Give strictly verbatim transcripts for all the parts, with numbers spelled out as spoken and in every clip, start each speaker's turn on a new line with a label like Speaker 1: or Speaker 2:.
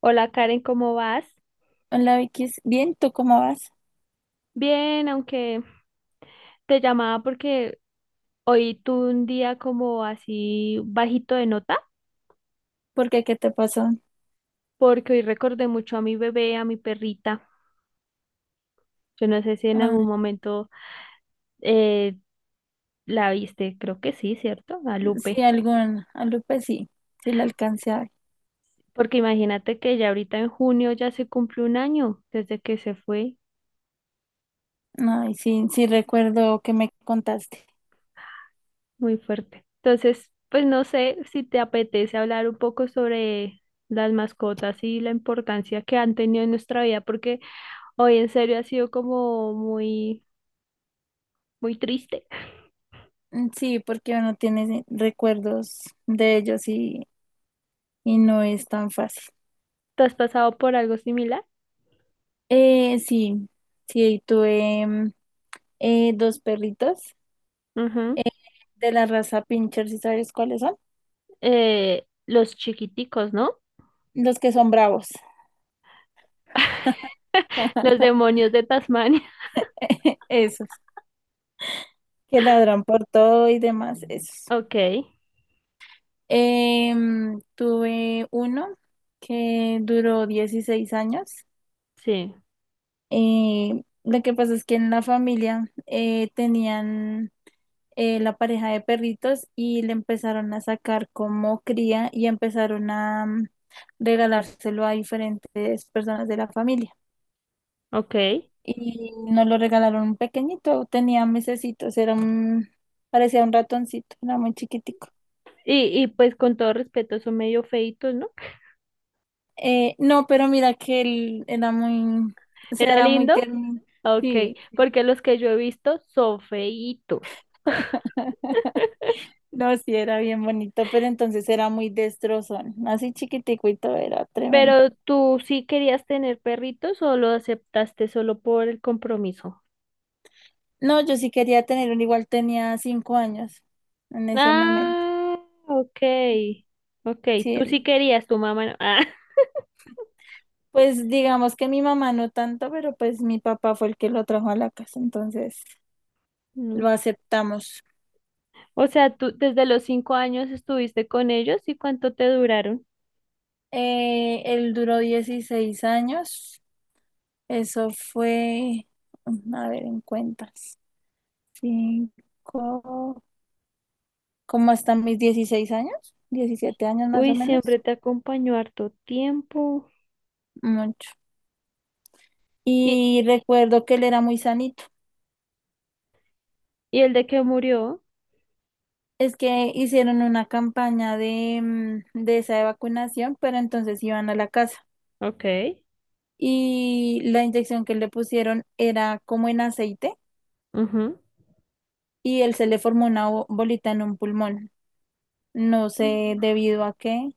Speaker 1: Hola Karen, ¿cómo vas?
Speaker 2: Hola Vicky, ¿s- bien, ¿tú cómo vas?
Speaker 1: Bien, aunque te llamaba porque hoy tuve un día como así bajito de nota,
Speaker 2: ¿Por qué? ¿Qué te pasó?
Speaker 1: porque hoy recordé mucho a mi bebé, a mi perrita. Yo no sé si en algún
Speaker 2: Ah,
Speaker 1: momento eh, la viste, creo que sí, ¿cierto? A
Speaker 2: sí,
Speaker 1: Lupe.
Speaker 2: algún, algo pues sí, sí le alcancé a ver.
Speaker 1: Porque imagínate que ya ahorita en junio ya se cumple un año desde que se fue.
Speaker 2: Ay, sí, sí recuerdo que me contaste.
Speaker 1: Muy fuerte. Entonces, pues no sé si te apetece hablar un poco sobre las mascotas y la importancia que han tenido en nuestra vida, porque hoy en serio ha sido como muy, muy triste.
Speaker 2: Mm, sí, porque uno tiene recuerdos de ellos y, y no es tan fácil.
Speaker 1: ¿Te has pasado por algo similar?
Speaker 2: Eh, sí, sí, tuve mm, eh, dos perritos
Speaker 1: Ujú.
Speaker 2: de la raza Pinscher, ¿sí sabes cuáles son?
Speaker 1: Eh, los chiquiticos, ¿no?
Speaker 2: Los que son bravos,
Speaker 1: Los demonios de Tasmania.
Speaker 2: esos, que ladran por todo y demás, esos.
Speaker 1: Ok,
Speaker 2: Em, tuve uno que duró dieciséis años.
Speaker 1: sí,
Speaker 2: Eh, lo que pasa es que en la familia eh, tenían eh, la pareja de perritos y le empezaron a sacar como cría y empezaron a mm, regalárselo a diferentes personas de la familia.
Speaker 1: ok.
Speaker 2: Y nos lo regalaron un pequeñito, tenía mesecitos, era un, parecía un ratoncito, era muy chiquitico.
Speaker 1: Y, y pues con todo respeto, son medio feitos, ¿no?
Speaker 2: Eh, no, pero mira que él era muy, o sea,
Speaker 1: ¿Era
Speaker 2: era muy
Speaker 1: lindo?
Speaker 2: tierno.
Speaker 1: Ok,
Speaker 2: Sí,
Speaker 1: porque los que yo he visto son feitos.
Speaker 2: no, sí, era bien bonito, pero entonces era muy destrozón. Así chiquitico y todo, era tremendo.
Speaker 1: ¿Pero tú sí querías tener perritos o lo aceptaste solo por el compromiso?
Speaker 2: No, yo sí quería tener uno, igual tenía cinco años en ese momento.
Speaker 1: Ah, ok, ok,
Speaker 2: Sí,
Speaker 1: tú sí
Speaker 2: él-
Speaker 1: querías, tu mamá no. Ah,
Speaker 2: pues digamos que mi mamá no tanto, pero pues mi papá fue el que lo trajo a la casa, entonces
Speaker 1: mm.
Speaker 2: lo aceptamos.
Speaker 1: O sea, tú desde los cinco años estuviste con ellos. ¿Y cuánto te duraron?
Speaker 2: Eh, él duró dieciséis años, eso fue, a ver, en cuentas. Cinco, ¿como hasta mis dieciséis años? Diecisiete años más
Speaker 1: Uy,
Speaker 2: o menos.
Speaker 1: siempre te acompañó harto tiempo.
Speaker 2: Mucho.
Speaker 1: ¿Y,
Speaker 2: Y recuerdo que él era muy sanito.
Speaker 1: y el de que murió?
Speaker 2: Es que hicieron una campaña de, mm, de esa de vacunación, pero entonces iban a la casa.
Speaker 1: Ok,
Speaker 2: Y la inyección que le pusieron era como en aceite
Speaker 1: ujú,
Speaker 2: y él se le formó una bo- bolita en un pulmón. No sé debido a qué.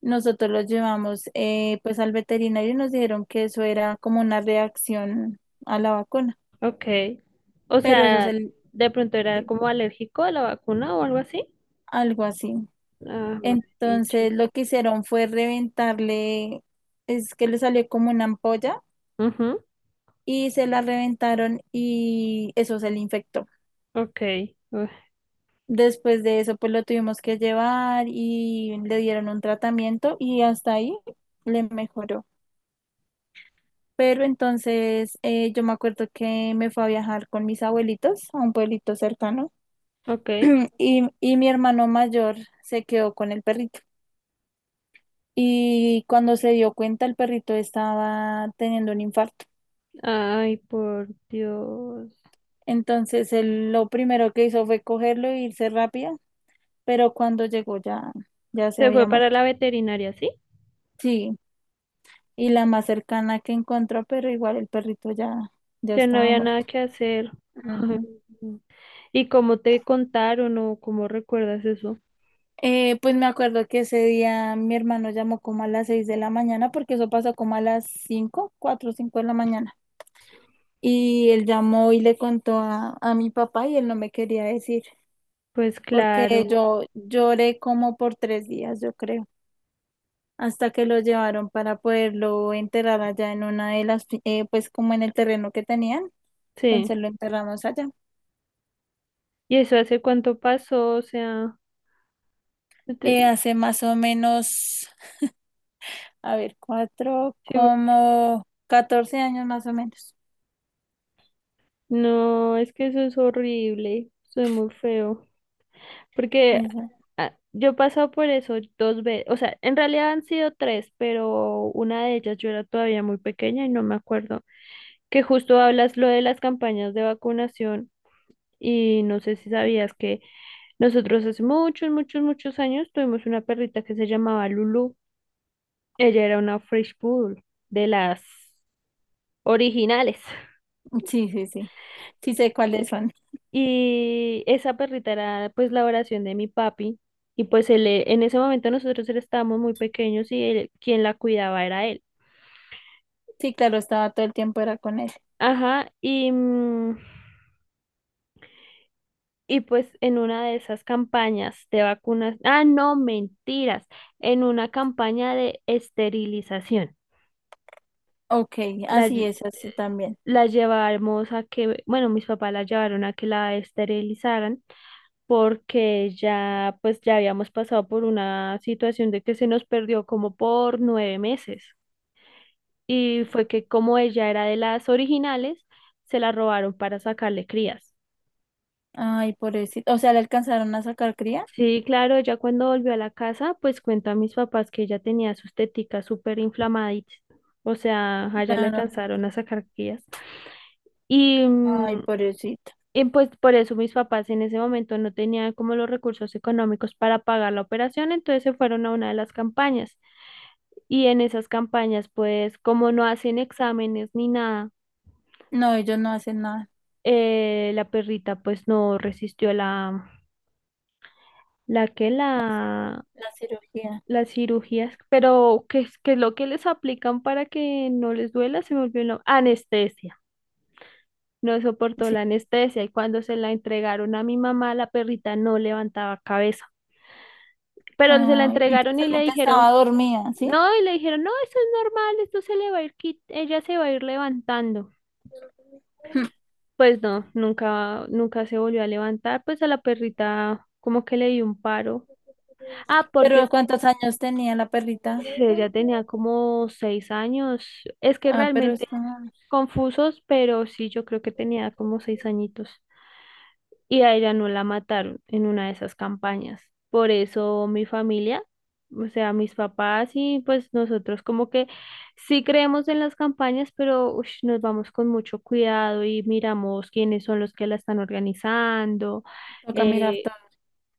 Speaker 2: Nosotros lo llevamos eh, pues al veterinario y nos dijeron que eso era como una reacción a la vacuna.
Speaker 1: ok. O
Speaker 2: Pero eso es
Speaker 1: sea,
Speaker 2: el,
Speaker 1: de pronto era como alérgico a la vacuna o algo así.
Speaker 2: algo así.
Speaker 1: Ah,
Speaker 2: Entonces
Speaker 1: maldichis.
Speaker 2: lo que hicieron fue reventarle, es que le salió como una ampolla y se la reventaron y eso se le infectó.
Speaker 1: Ok, uf,
Speaker 2: Después de eso, pues lo tuvimos que llevar y le dieron un tratamiento y hasta ahí le mejoró. Pero entonces eh, yo me acuerdo que me fue a viajar con mis abuelitos a un pueblito cercano
Speaker 1: ok.
Speaker 2: y, y mi hermano mayor se quedó con el perrito, y cuando se dio cuenta el perrito estaba teniendo un infarto.
Speaker 1: Ay, por Dios.
Speaker 2: Entonces él lo primero que hizo fue cogerlo e irse rápido, pero cuando llegó ya, ya se
Speaker 1: Se fue
Speaker 2: había
Speaker 1: para
Speaker 2: muerto.
Speaker 1: la veterinaria, ¿sí?
Speaker 2: Sí, y la más cercana que encontró, pero igual el perrito ya, ya
Speaker 1: Ya no
Speaker 2: estaba
Speaker 1: había nada
Speaker 2: muerto.
Speaker 1: que hacer. Ay,
Speaker 2: Ujú.
Speaker 1: no. ¿Y cómo te contaron o cómo recuerdas eso?
Speaker 2: Eh, pues me acuerdo que ese día mi hermano llamó como a las seis de la mañana, porque eso pasó como a las cinco, cuatro o cinco de la mañana. Y él llamó y le contó a, a mi papá y él no me quería decir.
Speaker 1: Pues claro,
Speaker 2: Porque yo lloré como por tres días, yo creo, hasta que lo llevaron para poderlo enterrar allá en una de las, pi- eh, pues como en el terreno que tenían,
Speaker 1: sí.
Speaker 2: entonces lo enterramos allá.
Speaker 1: ¿Y eso hace cuánto pasó? O sea,
Speaker 2: Eh,
Speaker 1: te-
Speaker 2: hace más o menos, a ver, cuatro,
Speaker 1: sí, bu-
Speaker 2: como catorce años más o menos.
Speaker 1: no, es que eso es horrible. Soy muy feo. Porque
Speaker 2: Esa-
Speaker 1: ah, yo he pasado por eso dos veces. O sea, en realidad han sido tres, pero una de ellas yo era todavía muy pequeña y no me acuerdo. Que justo hablas lo de las campañas de vacunación y no sé si sabías que nosotros hace muchos, muchos, muchos años tuvimos una perrita que se llamaba Lulu. Ella era una French Poodle de las originales.
Speaker 2: Sí, sí, sí. Sí sé cuáles son.
Speaker 1: Y esa perrita era pues la oración de mi papi. Y pues él, eh, en ese momento nosotros era- estábamos muy pequeños y él- quien la cuidaba era él.
Speaker 2: Sí, claro, estaba todo el tiempo era con él.
Speaker 1: Ajá, y mm, Y pues en una de esas campañas de vacunas, ah, no, mentiras, en una campaña de esterilización,
Speaker 2: Ok,
Speaker 1: la,
Speaker 2: así
Speaker 1: lle-
Speaker 2: es, así también.
Speaker 1: la llevamos a que, bueno, mis papás la llevaron a que la esterilizaran porque ya, pues ya habíamos pasado por una situación de que se nos perdió como por nueve meses. Y fue que como ella era de las originales, se la robaron para sacarle crías.
Speaker 2: Ay, pobrecito. O sea, le alcanzaron a sacar cría.
Speaker 1: Sí, claro. Ella cuando volvió a la casa, pues cuento a mis papás que ella tenía sus teticas súper inflamaditas, o sea, allá le
Speaker 2: Claro.
Speaker 1: alcanzaron a sacar guías. Y, mm,
Speaker 2: Ay, pobrecito.
Speaker 1: y pues por eso mis papás en ese momento no tenían como los recursos económicos para pagar la operación, entonces se fueron a una de las campañas. Y en esas campañas, pues como no hacen exámenes ni nada,
Speaker 2: No, ellos no hacen nada,
Speaker 1: eh, la perrita pues no resistió la, la que
Speaker 2: no hacen
Speaker 1: la,
Speaker 2: la cirugía,
Speaker 1: Las cirugías. Pero ¿qué es, qué es lo que les aplican para que no les duela? Se me olvidó el nom-. Anestesia. No soportó
Speaker 2: sí.
Speaker 1: la anestesia y cuando se la entregaron a mi mamá, la perrita no levantaba cabeza. Pero se la
Speaker 2: Ay, y
Speaker 1: entregaron y le
Speaker 2: pensaron que
Speaker 1: dijeron,
Speaker 2: estaba dormida, ¿sí?
Speaker 1: no, y le dijeron, no, esto es normal, esto se le va a ir, quit- ella se va a ir levantando.
Speaker 2: Mm.
Speaker 1: Pues no, nunca, nunca se volvió a levantar, pues a la perrita como que le dio un paro. Ah,
Speaker 2: Pero
Speaker 1: porque.
Speaker 2: ¿cuántos años tenía la perrita?
Speaker 1: Sí, ya tenía como seis años. Es que
Speaker 2: Ah, pero
Speaker 1: realmente
Speaker 2: está,
Speaker 1: confusos, pero sí, yo creo que tenía como seis añitos. Y a ella no la mataron en una de esas campañas. Por eso mi familia, o sea, mis papás y pues nosotros como que sí creemos en las campañas, pero ush, nos vamos con mucho cuidado y miramos quiénes son los que la están organizando,
Speaker 2: toca mirar
Speaker 1: eh,
Speaker 2: todo.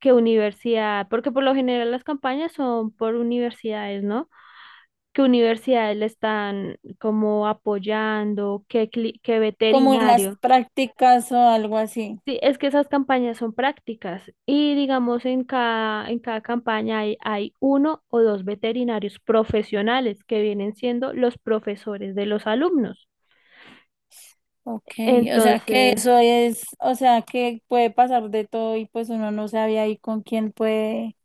Speaker 1: qué universidad, porque por lo general las campañas son por universidades, ¿no? Qué universidades le están como apoyando, qué, cli- qué
Speaker 2: Como en las
Speaker 1: veterinario.
Speaker 2: prácticas o algo así.
Speaker 1: Sí, es que esas campañas son prácticas y digamos en cada, en cada campaña hay, hay uno o dos veterinarios profesionales que vienen siendo los profesores de los alumnos.
Speaker 2: Ok, o sea que
Speaker 1: Entonces,
Speaker 2: eso es, o sea que puede pasar de todo y pues uno no sabe ahí con quién puede,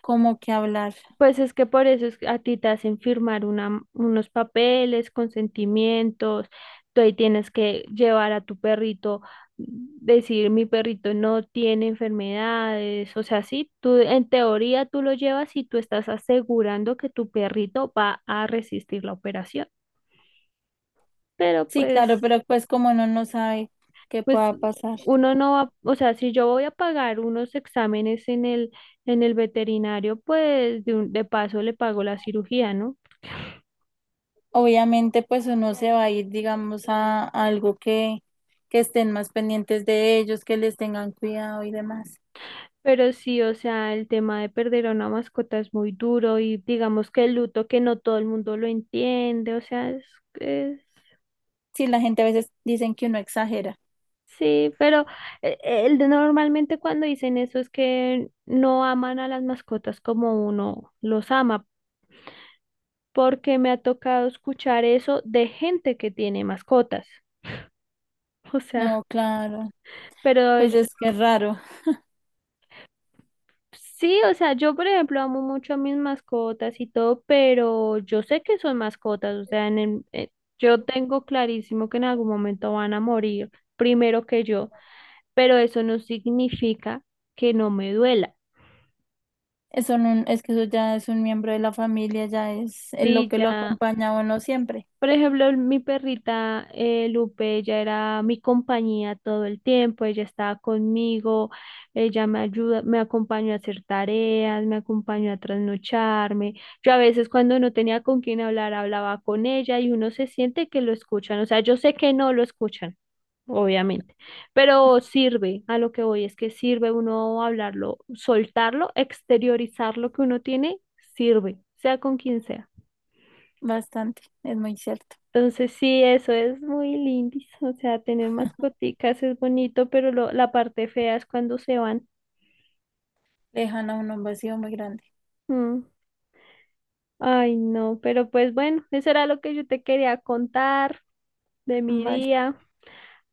Speaker 2: como que hablar.
Speaker 1: pues es que por eso es que a ti te hacen firmar una- unos papeles, consentimientos, tú ahí tienes que llevar a tu perrito, decir mi perrito no tiene enfermedades, o sea, sí, tú en teoría tú lo llevas y tú estás asegurando que tu perrito va a resistir la operación, pero
Speaker 2: Sí,
Speaker 1: pues,
Speaker 2: claro, pero pues como uno no sabe qué
Speaker 1: pues
Speaker 2: pueda pasar.
Speaker 1: uno no va, o sea, si yo voy a pagar unos exámenes en el, en el veterinario, pues de, un- de paso le pago la cirugía, ¿no?
Speaker 2: Obviamente, pues uno se va a ir, digamos, a, a algo que, que estén más pendientes de ellos, que les tengan cuidado y demás.
Speaker 1: Pero sí, o sea, el tema de perder a una mascota es muy duro y digamos que el luto que no todo el mundo lo entiende, o sea, es, es-
Speaker 2: Sí, la gente a veces dicen que uno exagera.
Speaker 1: sí, pero eh, eh, el de normalmente cuando dicen eso es que no aman a las mascotas como uno los ama, porque me ha tocado escuchar eso de gente que tiene mascotas, o sea,
Speaker 2: No, claro,
Speaker 1: pero
Speaker 2: pues
Speaker 1: ellos.
Speaker 2: es que es raro.
Speaker 1: Sí, o sea, yo por ejemplo amo mucho a mis mascotas y todo, pero yo sé que son mascotas, o sea, en el- eh, yo tengo clarísimo que en algún momento van a morir primero que yo, pero eso no significa que no me duela.
Speaker 2: Eso no- es que eso ya es un miembro de la familia, ya es eh, lo
Speaker 1: Sí,
Speaker 2: que lo
Speaker 1: ya.
Speaker 2: acompaña a uno siempre.
Speaker 1: Por ejemplo, mi perrita eh, Lupe, ella era mi compañía todo el tiempo, ella estaba conmigo, ella me ayuda, me acompañó a hacer tareas, me acompañó a trasnocharme. Yo a veces cuando no tenía con quién hablar, hablaba con ella y uno se siente que lo escuchan. O sea, yo sé que no lo escuchan, obviamente, pero sirve, a lo que voy es que sirve uno hablarlo, soltarlo, exteriorizar lo que uno tiene, sirve, sea con quien sea.
Speaker 2: Bastante, es muy cierto.
Speaker 1: Entonces sí, eso es muy lindis, o sea, tener mascoticas es bonito, pero lo- la parte fea es cuando se van.
Speaker 2: Dejan a uno un vacío muy grande.
Speaker 1: Mm. Ay, no, pero pues bueno, eso era lo que yo te quería contar de mi
Speaker 2: Vale,
Speaker 1: día,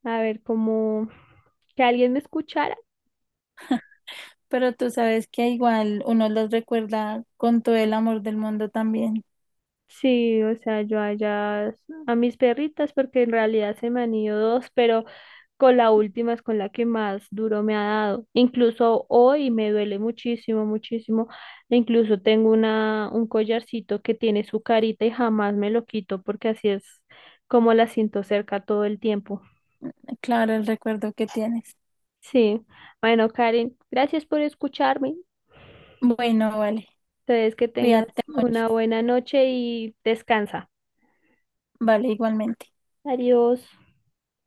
Speaker 1: a ver, como que alguien me escuchara.
Speaker 2: pero tú sabes que igual uno los recuerda con todo el amor del mundo también.
Speaker 1: Sí, o sea, yo allá a mis perritas, porque en realidad se me han ido dos, pero... Con la última es con la que más duro me ha dado. Incluso hoy me duele muchísimo, muchísimo. E incluso tengo una, un collarcito que tiene su carita y jamás me lo quito porque así es como la siento cerca todo el tiempo.
Speaker 2: Claro, el recuerdo que tienes.
Speaker 1: Sí. Bueno, Karen, gracias por escucharme.
Speaker 2: Bueno, vale.
Speaker 1: Entonces, que tengas
Speaker 2: Cuídate mucho.
Speaker 1: una buena noche y descansa.
Speaker 2: Vale, igualmente.
Speaker 1: Adiós.